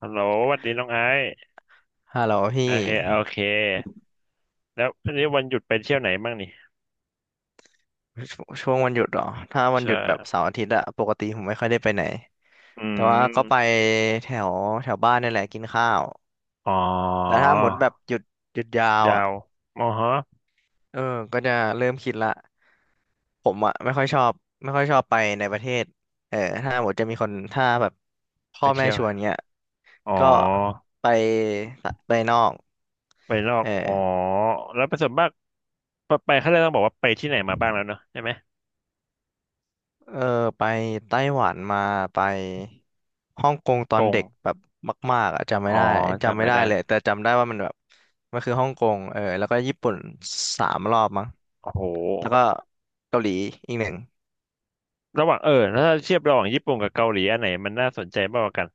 ฮัลโหลสวัสดีน้องไอซ์ฮัลโหลโอพี่เคโอเคแล้ววันนี้วันหยุดไปเที่ยวไหนบ้างนี่ชช่วงวันหยุดเหรอถ้าวันหใช่ยุดแบบเสาร์อาทิตย์อะปกติผมไม่ค่อยได้ไปไหนอืแต่ว่าก็ไปมแถวแถวบ้านนี่แหละกินข้าวอ๋อแต่ถ้าหมดแบบหยุดยาวยาอะวมอฮะเออก็จะเริ่มคิดละผมอะไม่ค่อยชอบไปในประเทศเออถ้าหมดจะมีคนถ้าแบบไปพ่อแม่เที่ยวชวนเงี้ยอ๋อก็ไปไปนอกไปนอกเออ๋อ อแล้วประสบมากไปเขาเลยต้องบอกว่าไปที่ไหนมาบ้างแล้วเนอะใช่ไหมเออไปไต้หวันมาไปฮ่องกงตอกนงเด็กแบบมากๆอะอ๋อจำจำไม่ไม่ได้ได้เลยแต่จำได้ว่ามันแบบมันคือฮ่องกงเออแล้วก็ญี่ปุ่น3 รอบมั้งโอ้โหแล้วก็เกาหลีอีกหนึ่งระหว่างเออแล้วถ้าเทียบระหว่างญี่ปุ่นกับเกาหลีอันไหนมันน่าสนใจมากกว่ากัน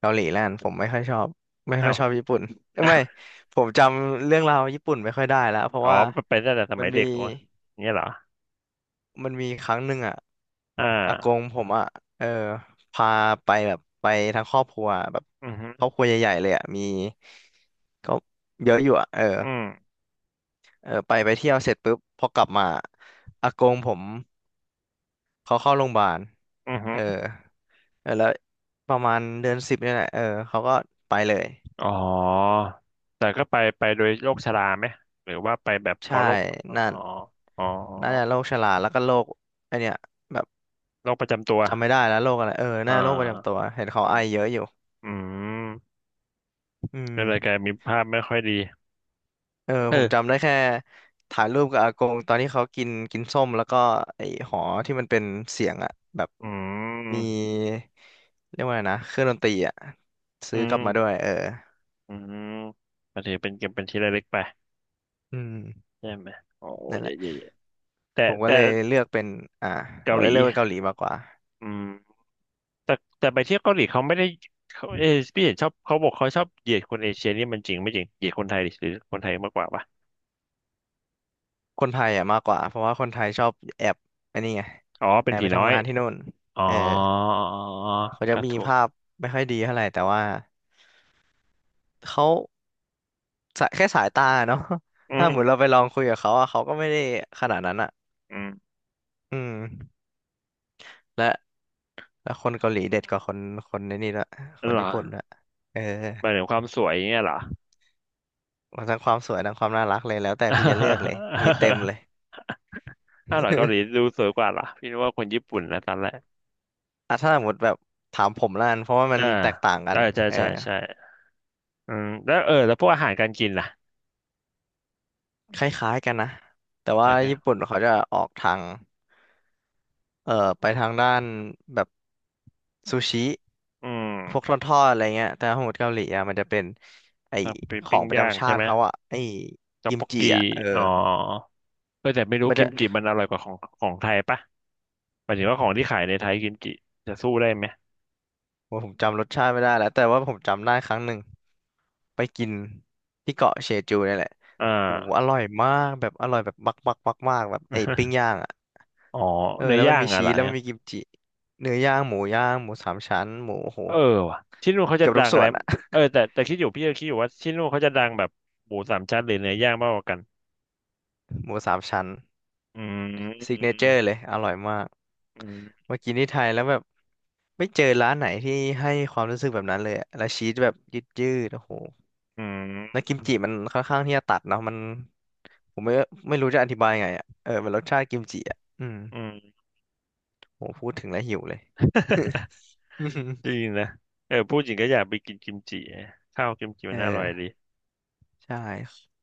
เกาหลีแล้วกันผมไม่ค่อยชอบไม่ค่เอ้า อยชอบญี่ปุ่นเอ้ยไม่ ผมจำเรื่องราวญี่ปุ่นไม่ค่อยได้แล้วเพ ราะอ๋อว่าไปตั้งแต่สมัมันยมี เด็กวะอย่างเงี้ยเหรอครั้งหนึ่งอ่ะอ่าอากงผมอ่ะเออพาไปแบบไปทั้งครอบครัวแบบอือฮึครอบครัวใหญ่ๆเลยอ่ะมีก็เยอะอยู่อ่ะเอออืมเออไปเที่ยวเสร็จปุ๊บพอกลับมาอากงผมเขาเข้าโรงพยาบาลอือฮึ เออเออแล้วประมาณเดือน 10เนี่ยแหละเออเขาก็ไปเลยอ๋อ แต่ก็ไปโดยโรคชราไหม หรือว่าไปแบบเพราะใช่โรคอ๋อ นั่นอ๋อน่าจะโรคชราแล้วก็โรคไอเนี้ยแบบโรคประจำตัวจำไม่ได้แล้วโรคอะไรเอออ่น่าจะโรคประจำตัาวเห็นเขาอืไอมเยอะอยู่อืมอืก็เลยกลายม มีภาพไม่ค่อยดีเออเอผมอจำได้แค่ถ่ายรูปกับอากงตอนที่เขากินกินส้มแล้วก็ไอ้หอที่มันเป็นเสียงอะแบบอืมีม เรียกว่าไงนะเครื่องดนตรีอะอืซื้อกลัม บมาด้วยเอออืมก็ถือเป็นเก็บเป็นที่ระลึกไปอืมใช่ไหมโอ้นั่นเยแหละเย่เยแต่ผมก็แต่เลยเลือกเป็นอ่าผเกามหเลยลีเลือกเป็นเกาหลีมากกว่าอืมแต่แต่ไปเที่ยวเกาหลีเขาไม่ได้เขาเออพี่เห็นชอบเขาบอกเขาชอบเหยียดคนเอเชียนี่มันจริงไม่จริงเหยียดคนไทยดิหรือคนไทยมากกว่าปะคนไทยอะมากกว่าเพราะว่าคนไทยชอบแอบอันนี้ไงอ๋อเป็แอนบผีไปน้อทำย งานที่นู่นอ๋อเอออ๋อเขาอกจะมีระูกภาพไม่ค่อยดีเท่าไหร่แต่ว่าเขา สายแค่สายตาเนาะ อื ถ้าเหมือนเรามไปลองคุยกับเขาอะเขาก็ไม่ได้ขนาดนั้นอะอืมอืมและและคนเกาหลีเด็ดกว่าคนในนี่ละคนเหรอญี่ปุ่นละเออหมายถึงความสวยอย่างเงี้ยเหรอ มันทั้งความสวยทั้งความน่ารักเลยแล้วแต่พี่จะเลือกเลยมีเต็ม เลย อ้า วเหรอเกาหลี ดูสวยกว่าเหรอพี่นึกว่าคนญี่ปุ่นนะตอนแรกอ่ะถ้าสมมติแบบถามผมละกันเพราะว่ามันอ่าแตกต่างกันใช่ใช่เออ ใช่ใช่อืมแล้วเออแล้วพวกอาหารการกินล่ะคล้ายๆกันนะ แต่ว่าใช่ก็ญี่ปุ่นเขาจะออกทาง เอ่อไปทางด้านแบบซูชิ อืพวกทมอดๆอะไรเงี้ยแต่ของเกาหลีอ่ะมันจะเป็นไอถ้าไปขอปิ้งงประย่างจำชาใช่ไหติมเขาอ่ะไอต๊อกกิมบกจิกีอ่ะเออ อ๋อเออแต่ไม่รู้มันกิจะ มจิมันอร่อยกว่าของของไทยปะหมายถึงว่าของที่ขายในไทยกิมจิจะสู้ได้ไหมว่าผมจำรสชาติไม่ได้แล้วแต่ว่าผมจำได้ครั้งหนึ่งไปกินที่เกาะเชจูเนี่ยแหละอ่า โอ้โหอร่อยมากแบบอร่อยแบบบักบักบักมากแบบไอ้ปิ้ง ย่างอ่ะอ๋อเออเนื้แล้อวมัย่านงมีอะชีเหรอ สแล้วมันมีกิมจิเนื้อย่างหมูย่างหมูสามชั้นหมูโอ้โหเออว่ะที่นู่นเขาจะเกือบดัทุกงอะส่ไรวนอ่ะ เออแต่แต่คิดอยู่พี่ก็คิดอยู่ว่าที่นู่นเขาจะดังแบบหมูสามชั้นหรือเนื้อย่างมากกว่ากัน หมูสามชั้นอืมซิกอืเนมเจอร์เลยอร่อยมากอืมมากินที่ไทยแล้วแบบไม่เจอร้านไหนที่ให้ความรู้สึกแบบนั้นเลยอะแล้วชีสแบบยืดๆโอ้โห อืแล้วม กิมจิมันค่อนข้างที่จะตัดเนาะมันผมไม่รู้จะอธิบายไงอ่ะเออมันรสชาติกิมจิอ่ะอืม โหพูดถึงแล้วหิวเลย จ ริงนะเออพูดจริงก็อยากไปกินกิมจิข้าวกิมจิเมันน่าอร่อยดีออใช่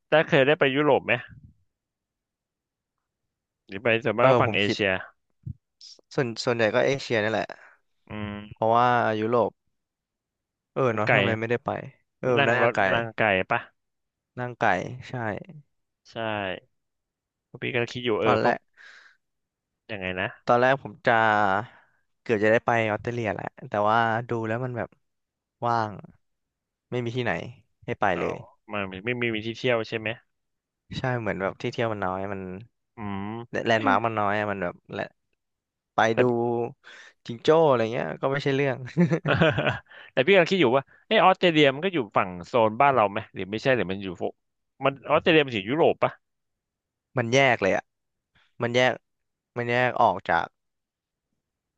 แต่เคยได้ไปยุโรปไหมหรือไปส่วนมาเอกก็อผฝั่งมเอคิดเชียส่วนใหญ่ก็เอเชียนี่แหละอืมเพราะว่ายุโรปเออมันเนาะไก่ทำไมไม่ได้ไปเออมันนั่งน่ารถไกลนั่งไก่ปะนั่งไกลใช่ใช่เพราะพี่ก็คิดอยู่ตเอออนเพแรราะกยังไงนะผมจะเกือบจะได้ไปออสเตรเลียแหละแต่ว่าดูแล้วมันแบบว่างไม่มีที่ไหนให้ไปอ๋อเลย มันไม่ไมมีที่เที่ยวใช่ไหมใช่เหมือนแบบที่เที่ยวมันน้อยมันอืมแลนด์มาร์คมันน้อยอะมันแบบและไปแต่ ดูจิงโจ้อะไรเงี้ยก็ไม่ใช่เรื่อง แต่พี่กำลังคิดอยู่ว่าเออออสเตรเลียมันก็อยู่ฝั่งโซนบ้านเราไหมหรือไม่ใช่หรือมันอยู่พวกมันออสเตรเลียมันอยู่ยุโรปปะมันแยกเลยอ่ะมันแยกมันแยกออกจาก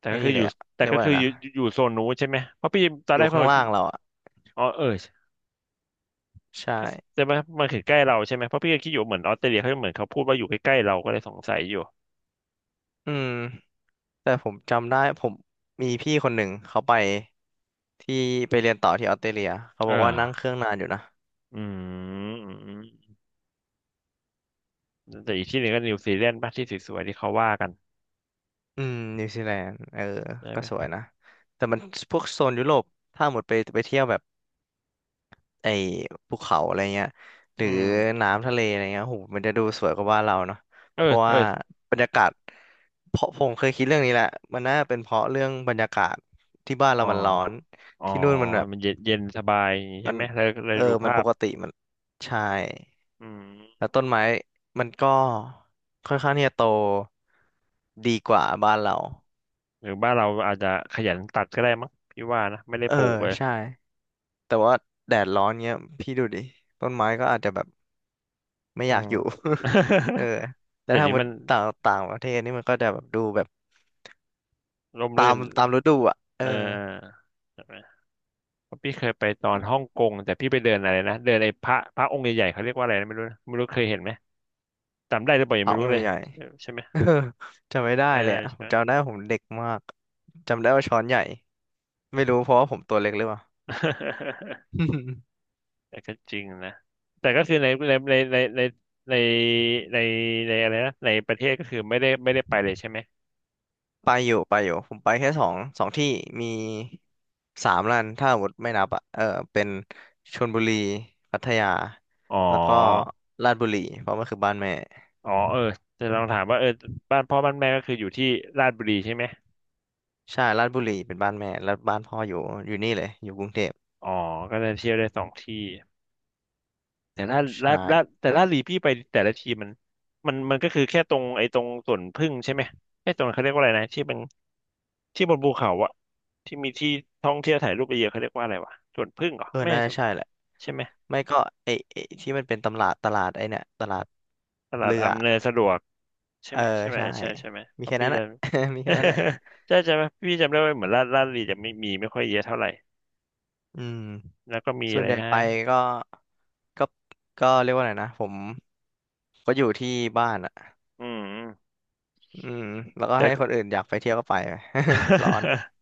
แต่ไอ้ก็คืนี่ออเลยู่ยอ่ะแต่เรียกก็ว่าอะคืไรออนะยู่อยู่โซนนู้นใช่ไหมเพราะพี่ตอนอแรยู่กพอข้างล่าพี่งเราอ่ะอ๋อเออใช่ก็แต่มันคือใกล้เราใช่ไหมเพราะพี่ก็คิดอยู่ว่าเหมือนออสเตรเลียเขาเหมือนเขาพูดว่าอยู่ใกล้ๆเราก็เลยสงสัยอยู่อืมแต่ผมจำได้ผมมีพี่คนหนึ่งเขาไปที่ไปเรียนต่อที่ออสเตรเลียเขาบอ่อกว่านั่งเคารื่องนานอยู่นะอืมอืมอืมแต่อีกที่หนึ่งก็นิวซีแลนด์ป่ะที่สวยๆที่เขาว่ากันอืมนิวซีแลนด์เออใช่ก็ไหมสวยนะแต่มันพวกโซนยุโรปถ้าหมดไปไปเที่ยวแบบ ไอ้ภูเขาอะไรเงี้ยหอืรือมน้ำทะเลอะไรเงี้ยโหมันจะดูสวยกว่าบ้านเราเนาะเออเพราะเออว่าบรรยากาศเพราะผมเคยคิดเรื่องนี้แหละมันน่าเป็นเพราะเรื่องบรรยากาศที่บ้านอ๋อเรามันร้อนอ๋อที่นู่นมันแบบมันเย็นเย็นสบายอย่างงี้มัใช่นไหมเลยเออดูมันภาปพกติมันใช่อืแล้ม วต้นไม้มันก็ค่อนข้างที่จะโตดีกว่าบ้านเราหรือบ้านเราอาจจะขยันตัดก็ได้มั้งพี่ว่านะไม่ได้เออปลูกเลยใช่แต่ว่าแดดร้อนเงี้ยพี่ดูดิต้นไม้ก็อาจจะแบบ ไม่อือยากม อยู่ เออ แต่เดี๋ยวถ้านี้หมดมันต่างต่างประเทศนี่มันก็จะแบบดูแบบร่มรื่นตามฤดูอ่ะเเออออใช่ไหมเพราะพี่เคยไปตอนฮ่องกงแต่พี่ไปเดินอะไรนะเดินไอ้พระองค์ใหญ่ๆเขาเรียกว่าอะไรนะไม่รู้นะไม่รู้เคยเห็นไหมจำได้หรือเปล่ายังเขาไม่รู้เลยใหญ่ใช่ใช่ไหๆ มเออจำไม่ได้เออเลยอะใช่ผไหม มจำได้ว่าผมเด็กมากจำได้ว่าช้อนใหญ่ ไม่รู้เพราะว่าผมตัวเล็กหรือเปล่า แต่ก็จริงนะแต่ก็คือในในในอะไรนะในประเทศก็คือไม่ได้ไม่ได้ไปเลยใช่ไหมไปอยู่ผมไปแค่สองที่มีสามร้านถ้าหมดไม่นับอ่ะเออเป็นชลบุรีพัทยาอ๋อ แล้วก็ลาดบุรีเพราะมันคือบ้านแม่อ๋อเออจะลองถามว่าเออบ้านพ่อบ้านแม่ก็คืออยู่ที่ราชบุรีใช่ไหมใช่ลาดบุรีเป็นบ้านแม่แล้วบ้านพ่ออยู่อยู่นี่เลยอยู่กรุงเทพ อ๋อก็จะเที่ยวได้สองที่แต่ราชราใช่ชราชแต่ราชบุรีพี่ไปแต่ละทีมันมันก็คือแค่ตรงไอ้ตรงสวนผึ้งใช่ไหมไอ้ตรงเขาเรียกว่าอะไรนะที่เป็นที่บนภูเขาอะที่มีที่ท่องเที่ยวถ่ายรูปเยอะๆเขาเรียกว่าอะไรวะสวนผึ้งเหรอเออไม่น่าใช่สจะวนใช่แหละใช่ไหมไม่ก็ไอ้ที่มันเป็นตำลาดตลาดไอ้เนี่ยตลาดตลาดเรืออำนวยสะดวกใช่เออไหมใช่ไหมใช่ใช่ใช่ไหมมีเพราะแค่พี่นั้นแหจะ ละ มีแค่นั้นแหละ ใช่ใช่ไหมพี่จำได้ว่าเหมือนราชบุรีจะไม่มีไม่ค่อยเยอะเท่าไหร่อืมแล้วก็มีส่วอะนไรใหญ่นะไปก็ก็ก็เรียกว่าไงนะผมก็อยู่ที่บ้านอ่ะอืมอืมแล้วก็แต่ ให้คนอื่นอยากไปเที่ยวก็ไป ร้อน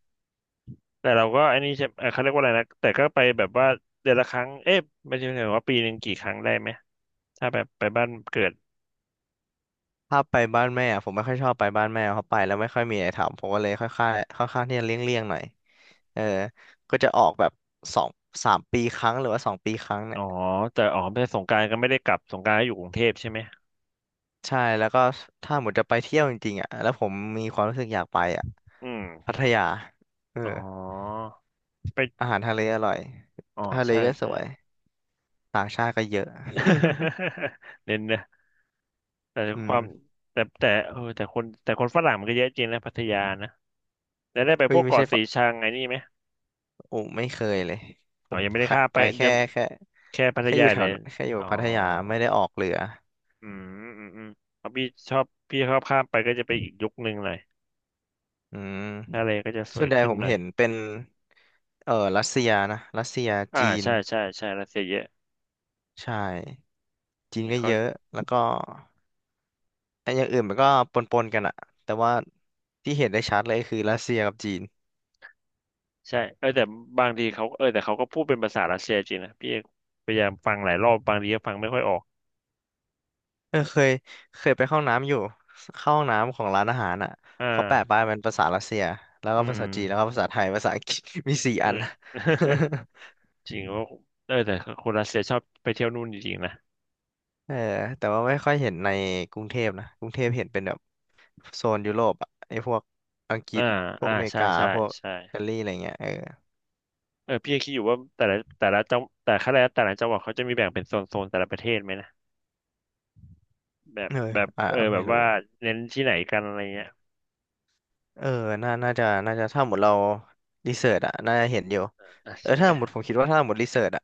แต่เราก็อันนี้ใช่เขาเรียกว่าอะไรนะแต่ก็ไปแบบว่าเดือนละครั้งเอ๊ะไม่ใช่ว่าปีหนึ่งกี่ครั้งได้ไหมถ้าแบบไปบ้านเกิดถ้าไปบ้านแม่อะผมไม่ค่อยชอบไปบ้านแม่เพราะไปแล้วไม่ค่อยมีอะไรทำผมก็เลยค่อยค่อยค่อนข้างที่จะเลี่ยงๆหน่อยเออก็จะออกแบบสองสามปีครั้งหรือว่าสองปีครั้งเนี่อ๋ย อแต่อ๋อไปสงกรานต์ก็ไม่ได้กลับสงกรานต์ก็อยู่กรุงเทพใช่ไหมใช่แล้วก็ถ้าหมดจะไปเที่ยวจริงๆอ่ะแล้วผมมีความรู้สึกอยากไปอ่ะอืมพัทยาเอออ๋อไปอาหารทะเลอร่อยอ๋อทะเลใช่ก็สใช่ วยต่างชาติก็เยอะ เน้นนะแต่อืความมแต่แต่เออแต่คนฝรั่งมันก็เยอะจริงนะพัทยานะแล้วได้ไปเฮ้พยวกไม่เกาะใช่สีปะชังไอ้นี่ไหมโอ้ไม่เคยเลยผอ๋อมยังไม่ได้แค่ข้ามไปไปจะแค่แค่พัทแค่อยายู่แถวเนี่ยนั้นแค่อยู่อ๋อ พัทยาไม่ได้ออกเรืออืมอืมเพราะพี่ชอบพี่ชอบข้ามไปก็จะไปอีกยุคหนึ่งหน่อยอืมทะเลก็จะสส่ววยนใหญ่ขึ้นผมหน่อยเห็นเป็นรัสเซียนะรัสเซียอ่าจีนใช่ใช่ใช่รัสเซียเยอะใช่จีนก็เขาเยอะแล้วก็ ไอ้อย่างอื่นมันก็ปนๆกันอะแต่ว่าที่เห็นได้ชัดเลยคือรัสเซียกับจีนใช่แต่บางทีเขาแต่เขาก็พูดเป็นภาษารัสเซียจริงนะพี่พยายามฟังหลายรอบบางทีก็ฟังไม่ค่อยออกเคยเคยไปเข้าห้องน้ำอยู่เข้าห้องน้ำของร้านอาหารอ่ะอ่าเขาแปะป้ายเป็นภาษารัสเซียแล้วอืก็ภามษาจีนแล้วก็ภาษาไทยภาษาอังกฤษ มีสี่อือัน ม จริงว่าเออแต่คนรัสเซียชอบไปเที่ยวนู่นจริงๆนะ เออแต่ว่าไม่ค่อยเห็นในกรุงเทพนะกรุงเทพเห็นเป็นแบบโซนยุโรปอะไอ้พวกอังกฤอ่าษพวอ่ากอเมริใช่กาใช่พวกใช่อิตาลีอะไรเงี้ยเออเออพี่ยังคิดอยู่ว่าแต่ละแต่ละจังหวัดเขาจะมีแบ่งเป็นโซนโซนแต่ละประเทศไหมนะ แบบเออแบบอ่าเออแบไม่บรู้ ว่าเน้นที่ไหนกันอะไรเงี้ยเออน่าจะ ถ้าหมดเรารีเสิร์ชอะน่าจะเห็นอยู่อ่ะเออใช่ถ้าไหมหมดผมคิดว่าถ้าหมดรีเสิร์ชอะ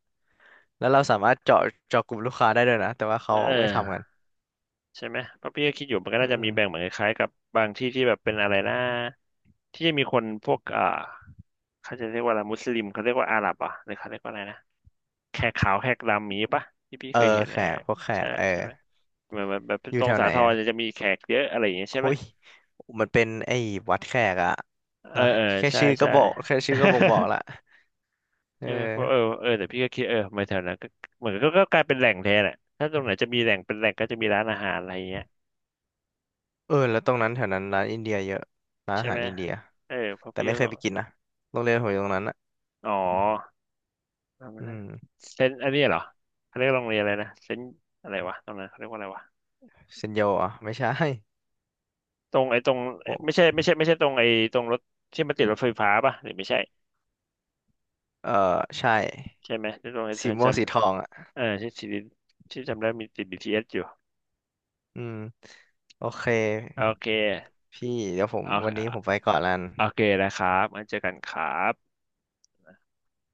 แล้วเราสามารถเจาะกลุ่มลูกค้าได้ด้วยนะแต่ว่าเเขาไม่ทำกัออนใช่ไหมเพราะพี่ก็คิดอยู่มันก็อืน่าจะมีแบ่งเหมืมอนคล้ายๆกับบางที่ที่แบบเป็นอะไรนะที่จะมีคนพวกอ่าเขาจะเรียกว่าอะไรมุสลิมเขาเรียกว่าอาหรับเหรอ่ะหรือเขาเรียกว่าอะไรนะแขกขาวแขกดำมีปะที่พี่เอเคอยเห็นแขนะกพวกแขใช่กเออใช่ไหมเหมือนแบบแบบอยู่ตรแถงวสาไหนทรอะจะมีแขกเยอะอะไรอย่างเงี้ยโอ้ใช่ไหมย มันเป็นไอ้วัดแขกอะเออนะเออแค่ใช่ชื่อก็ใช่ บอกแค่ชื่อก็บ่งบอกละ เใช่ไหมเพราะเออออเออแต่พี่ก็คิดเออมาแถวนั้นก็เหมือนก็กลายเป็นแหล่งแทนอ่ะถ้าตรงไหนจะมีแหล่งเป็นแหล่งก็จะมีร้านอาหารอะไรเงี้ยเออแล้วตรงนั้นแถวนั้นร้านอินเดียเยอะร้านใช่อาหาไหรมอินเดียเออเพราะแต่พี่ไม่ก็เคบยอไปกกินนะโรงเรียนผมอยู่ตรงนั้นอะอ๋อจำไม่อืได้มเซนอันนี้เหรอเขาเรียกโรงเรียนอะไรนะเซนอะไรวะตรงนั้นเขาเรียกว่าอะไรวะเซนโยอ่ะไม่ใช่ ตรงไอ้ตรงไม่ใช่ตรงไอ้ตรงรถที่มันติดรถไฟฟ้าป่ะหรือไม่ใช่เออใช่ใช่ไหมหรือตรงไอ้เธสีอม่จวงสีทองอ่ะำเออที่สิริที่จำได้มีติด BTS อสอยู่อืมโอเคโอเคพี่เดี๋ยวผมโอวันนี้ผเคมไปก่อนละกันโอเคนะครับมาเจอกันครับ